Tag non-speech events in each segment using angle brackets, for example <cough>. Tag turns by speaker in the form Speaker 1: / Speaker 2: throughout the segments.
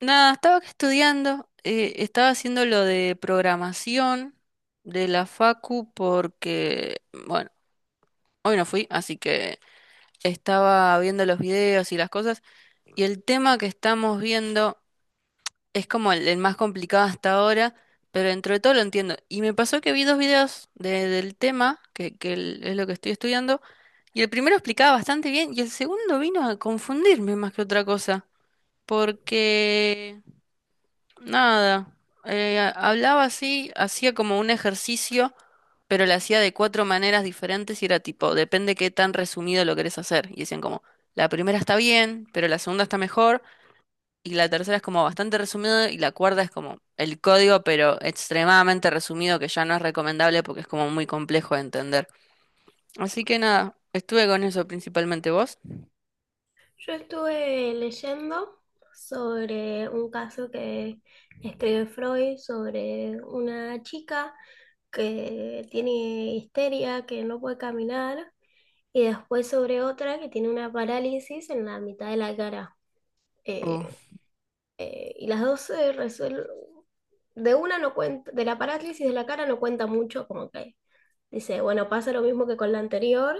Speaker 1: Nada, estaba acá estudiando, estaba haciendo lo de programación de la Facu porque, bueno, hoy no fui, así que estaba viendo los videos y las cosas, y el tema que estamos viendo es como el más complicado hasta ahora, pero dentro de todo lo entiendo. Y me pasó que vi dos videos del tema, que es lo que estoy estudiando, y el primero explicaba bastante bien, y el segundo vino a confundirme más que otra cosa, porque... Nada, hablaba así, hacía como un ejercicio, pero lo hacía de cuatro maneras diferentes y era tipo, depende qué tan resumido lo querés hacer. Y decían como, la primera está bien, pero la segunda está mejor, y la tercera es como bastante resumido, y la cuarta es como el código, pero extremadamente resumido, que ya no es recomendable porque es como muy complejo de entender. Así que nada, estuve con eso principalmente vos.
Speaker 2: Yo estuve leyendo sobre un caso que escribió Freud sobre una chica que tiene histeria, que no puede caminar, y después sobre otra que tiene una parálisis en la mitad de la cara.
Speaker 1: Uh,
Speaker 2: Eh, y las dos se resuelven. De una no cuenta, de la parálisis de la cara no cuenta mucho, como que dice, bueno, pasa lo mismo que con la anterior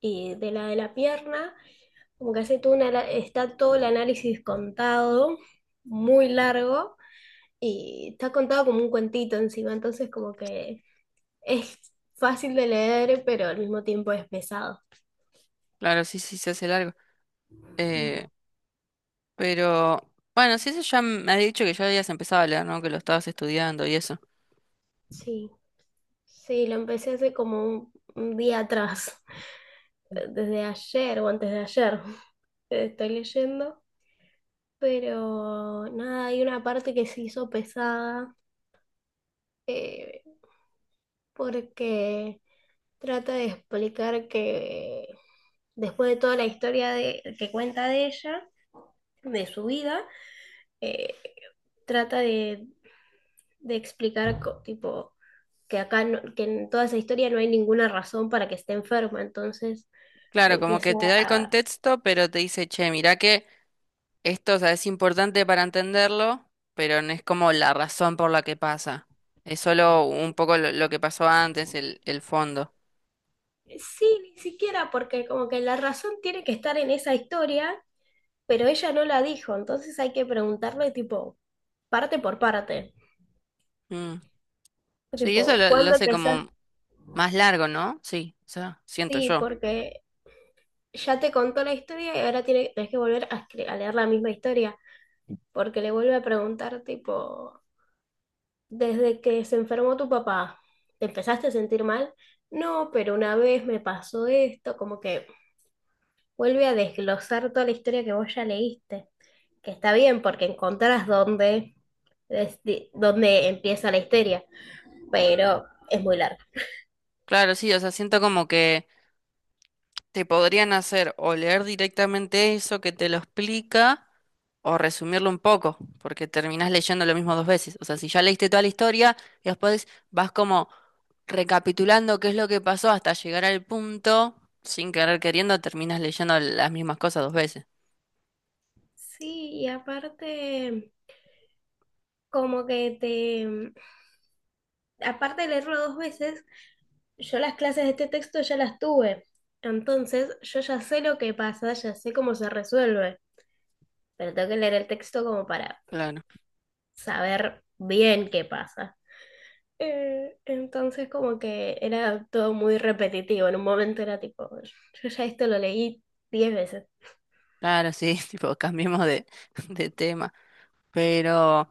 Speaker 2: y de la pierna. Como que hace está todo el análisis contado, muy largo, y está contado como un cuentito encima, entonces como que es fácil de leer, pero al mismo tiempo es pesado.
Speaker 1: claro, sí, sí, se hace largo.
Speaker 2: Mm.
Speaker 1: Eh, Pero, bueno, sí, eso ya me has dicho que ya habías empezado a leer, ¿no? Que lo estabas estudiando y eso.
Speaker 2: Sí, sí, lo empecé hace como un día atrás, desde ayer o antes de ayer, <laughs> estoy leyendo, pero nada, hay una parte que se hizo pesada, eh, porque... trata de explicar que después de toda la historia de, que cuenta de ella, de su vida, eh, trata de explicar tipo que acá no- que en toda esa historia no hay ninguna razón para que esté enferma, entonces
Speaker 1: Claro, como
Speaker 2: empieza
Speaker 1: que te da el
Speaker 2: a
Speaker 1: contexto, pero te dice, che, mirá que esto, o sea, es importante para entenderlo, pero no es como la razón por la que pasa. Es solo un poco lo que pasó antes, el fondo.
Speaker 2: sí, ni siquiera porque como que la razón tiene que estar en esa historia, pero ella no la dijo, entonces hay que preguntarle tipo parte por parte,
Speaker 1: Mm. Sí, eso
Speaker 2: tipo,
Speaker 1: lo
Speaker 2: ¿cuándo
Speaker 1: hace
Speaker 2: empezás?
Speaker 1: como más largo, ¿no? Sí, o sea, siento
Speaker 2: Sí,
Speaker 1: yo.
Speaker 2: porque ya te contó la historia y ahora tenés que volver a, a leer la misma historia, porque le vuelve a preguntar, tipo, desde que se enfermó tu papá, ¿te empezaste a sentir mal? No, pero una vez me pasó esto, como que vuelve a desglosar toda la historia que vos ya leíste, que está bien porque encontrás dónde, dónde empieza la historia, pero es muy larga.
Speaker 1: Claro, sí, o sea, siento como que te podrían hacer o leer directamente eso que te lo explica o resumirlo un poco, porque terminás leyendo lo mismo dos veces. O sea, si ya leíste toda la historia y después vas como recapitulando qué es lo que pasó hasta llegar al punto, sin querer queriendo, terminas leyendo las mismas cosas dos veces.
Speaker 2: Sí, y aparte... como que aparte de leerlo dos veces, yo las clases de este texto ya las tuve. Entonces, yo ya sé lo que pasa, ya sé cómo se resuelve, pero tengo que leer el texto como para
Speaker 1: Claro,
Speaker 2: saber bien qué pasa. Entonces, como que era todo muy repetitivo. En un momento era tipo, yo ya esto lo leí 10 veces.
Speaker 1: claro, sí, <laughs> tipo, cambiemos de tema. Pero...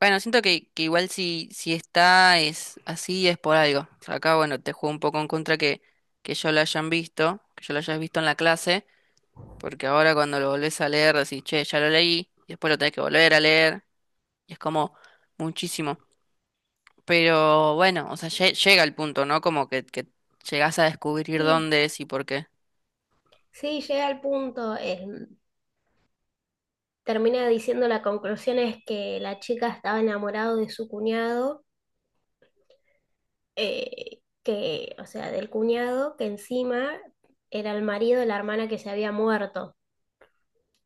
Speaker 1: Bueno, siento que igual si está es así es por algo. O sea, acá, bueno, te juego un poco en contra que yo lo hayan visto, que yo lo hayas visto en la clase, porque ahora cuando lo volvés a leer decís, che, ya lo leí, y después lo tenés que volver a leer, y es como muchísimo. Pero bueno, o sea, llega el punto, ¿no? Como que llegás a descubrir
Speaker 2: Sí,
Speaker 1: dónde es y por qué.
Speaker 2: sí, llegué al punto. Termina diciendo, la conclusión es que la chica estaba enamorada de su cuñado, que, o sea, del cuñado, que encima era el marido de la hermana que se había muerto.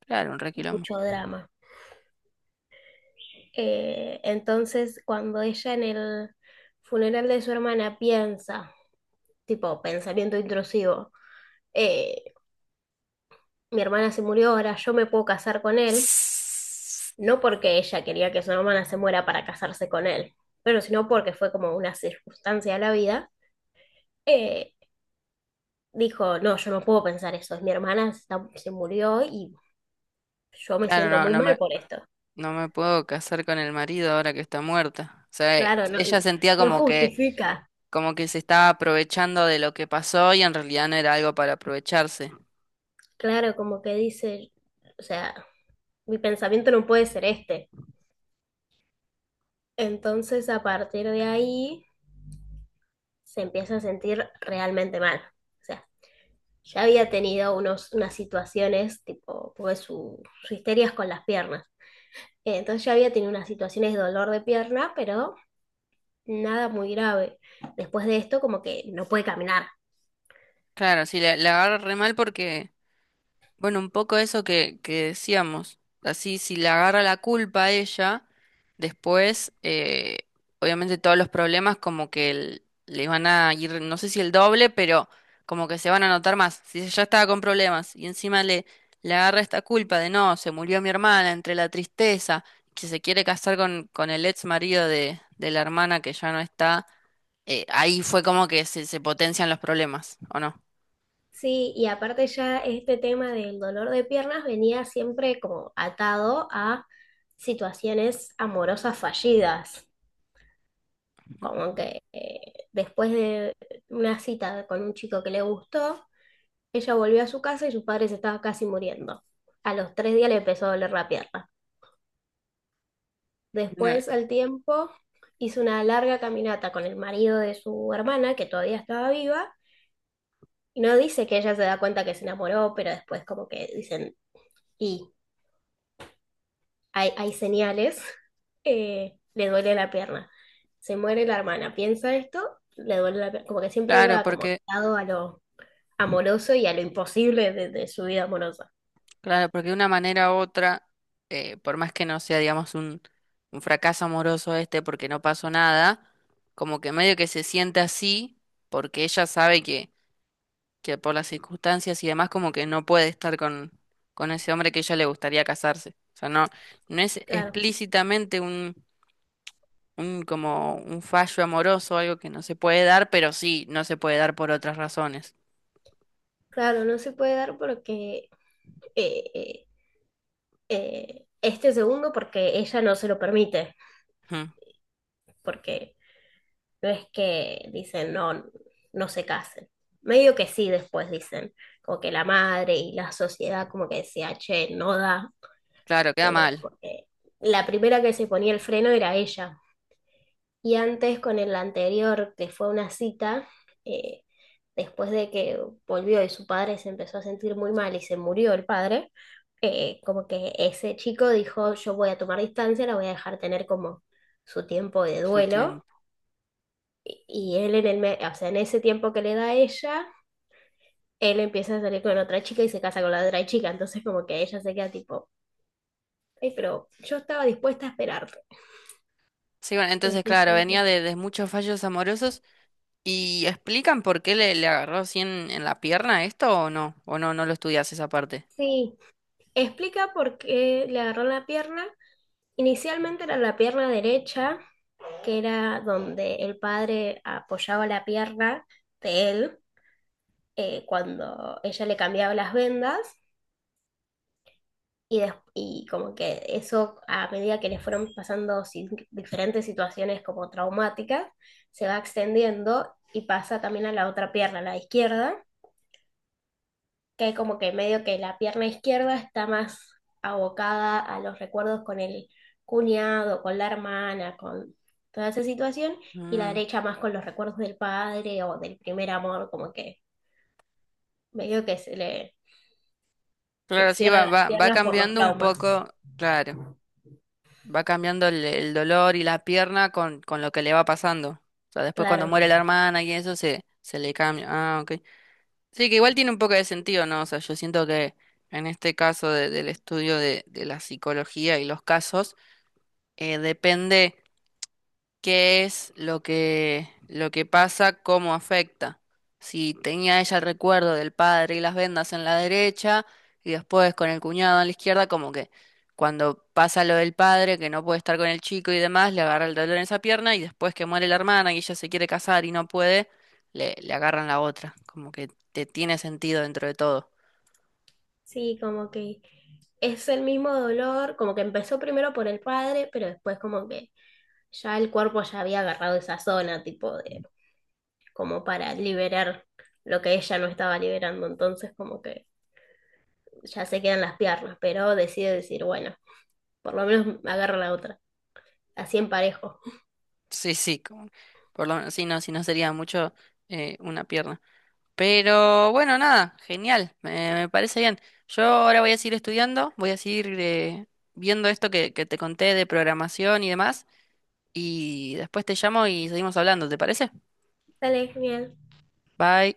Speaker 1: Claro, un re quilombo.
Speaker 2: Mucho drama. Entonces, cuando ella en el funeral de su hermana piensa, tipo pensamiento intrusivo, eh, mi hermana se murió, ahora yo me puedo casar con él. No porque ella quería que su hermana se muera para casarse con él, pero sino porque fue como una circunstancia de la vida. eh, Dijo, no, yo no puedo pensar eso, es mi hermana se está- se murió y yo me
Speaker 1: Claro,
Speaker 2: siento
Speaker 1: no,
Speaker 2: muy
Speaker 1: no
Speaker 2: mal
Speaker 1: me,
Speaker 2: por esto.
Speaker 1: no me puedo casar con el marido ahora que está muerta. O sea,
Speaker 2: Claro, no,
Speaker 1: ella sentía
Speaker 2: no justifica.
Speaker 1: como que se estaba aprovechando de lo que pasó y en realidad no era algo para aprovecharse.
Speaker 2: Claro, como que dice, o sea, mi pensamiento no puede ser este. Entonces, a partir de ahí, se empieza a sentir realmente mal. O sea, ya había tenido unas situaciones, tipo, pues su histeria es con las piernas. Entonces ya había tenido unas situaciones de dolor de pierna, pero nada muy grave. Después de esto, como que no puede caminar.
Speaker 1: Claro, sí, le agarro re mal porque bueno, un poco eso que decíamos. Así, si le agarra la culpa a ella, después, obviamente todos los problemas como que le van a ir, no sé si el doble, pero como que se van a notar más. Si ella ya estaba con problemas y encima le, le agarra esta culpa de no, se murió mi hermana, entre la tristeza, que se quiere casar con el ex marido de la hermana que ya no está, ahí fue como que se potencian los problemas, ¿o no?
Speaker 2: Sí, y aparte ya este tema del dolor de piernas venía siempre como atado a situaciones amorosas fallidas, como que después de una cita con un chico que le gustó, ella volvió a su casa y sus padres estaba casi muriendo. A los 3 días le empezó a doler la pierna.
Speaker 1: No,
Speaker 2: Después, al tiempo, hizo una larga caminata con el marido de su hermana, que todavía estaba viva, y no dice que ella se da cuenta que se enamoró, pero después como que dicen, y... hay señales, le duele la pierna. Se muere la hermana, piensa esto, le duele la pierna. Como que siempre
Speaker 1: claro,
Speaker 2: iba como
Speaker 1: porque
Speaker 2: atado a lo amoroso y a lo imposible de su vida amorosa.
Speaker 1: claro, porque de una manera u otra, por más que no sea, digamos, un fracaso amoroso este porque no pasó nada, como que medio que se siente así porque ella sabe que por las circunstancias y demás como que no puede estar con ese hombre que ella le gustaría casarse. O sea, no, no es
Speaker 2: Claro,
Speaker 1: explícitamente un como un fallo amoroso, algo que no se puede dar, pero sí no se puede dar por otras razones.
Speaker 2: claro, no se puede dar porque eh, eh, este segundo, porque ella no se lo permite,
Speaker 1: Ujú.
Speaker 2: porque no es que dicen no, no se casen. Medio que sí, después dicen, como que la madre y la sociedad como que decía, che, no da,
Speaker 1: Claro, queda
Speaker 2: pero
Speaker 1: mal
Speaker 2: como que la primera que se ponía el freno era ella. Y antes con el anterior, que fue una cita, eh, después de que volvió y su padre se empezó a sentir muy mal y se murió el padre, como que ese chico dijo, yo voy a tomar distancia, la voy a dejar tener como su tiempo de
Speaker 1: su
Speaker 2: duelo.
Speaker 1: tiempo.
Speaker 2: Y él en o sea, en ese tiempo que le da a ella, él empieza a salir con otra chica y se casa con la otra chica. Entonces como que ella se queda tipo, ay, pero yo estaba dispuesta a esperarte.
Speaker 1: Sí, bueno, entonces,
Speaker 2: Entonces
Speaker 1: claro,
Speaker 2: como
Speaker 1: venía
Speaker 2: que
Speaker 1: de muchos fallos amorosos. ¿Y explican por qué le agarró así en la pierna esto o no? ¿O no, no lo estudias esa parte?
Speaker 2: sí, explica por qué le agarró la pierna. Inicialmente era la pierna derecha, que era donde el padre apoyaba la pierna de él, cuando ella le cambiaba las vendas, y como que eso a medida que le fueron pasando diferentes situaciones como traumáticas, se va extendiendo y pasa también a la otra pierna, a la izquierda, que como que medio que la pierna izquierda está más abocada a los recuerdos con el cuñado, con la hermana, con toda esa situación, y la
Speaker 1: Mm,
Speaker 2: derecha más con los recuerdos del padre o del primer amor, como que medio que se le
Speaker 1: claro, sí,
Speaker 2: seccionan las
Speaker 1: va
Speaker 2: piernas por los
Speaker 1: cambiando un
Speaker 2: traumas.
Speaker 1: poco, claro, va cambiando el dolor y la pierna con lo que le va pasando. O sea, después cuando
Speaker 2: Claro,
Speaker 1: muere la hermana y eso se le cambia. Ah, ok. Sí, que igual tiene un poco de sentido, ¿no? O sea, yo siento que en este caso del estudio de la psicología y los casos, depende qué es lo que pasa, cómo afecta. Si tenía ella el recuerdo del padre y las vendas en la derecha, y después con el cuñado en la izquierda, como que cuando pasa lo del padre, que no puede estar con el chico y demás, le agarra el dolor en esa pierna, y después que muere la hermana y ella se quiere casar y no puede, le agarran la otra. Como que te tiene sentido dentro de todo.
Speaker 2: sí, como que es el mismo dolor, como que empezó primero por el padre, pero después como que ya el cuerpo ya había agarrado esa zona, tipo, de como para liberar lo que ella no estaba liberando, entonces como que ya se quedan las piernas, pero decide decir, bueno, por lo menos agarra la otra, así en parejo.
Speaker 1: Sí, sí, como- por lo menos, si no, si no sería mucho una pierna. Pero bueno, nada, genial, me parece bien. Yo ahora voy a seguir estudiando, voy a seguir viendo esto que te conté de programación y demás, y después te llamo y seguimos hablando, ¿te parece?
Speaker 2: Dale, genial.
Speaker 1: Bye.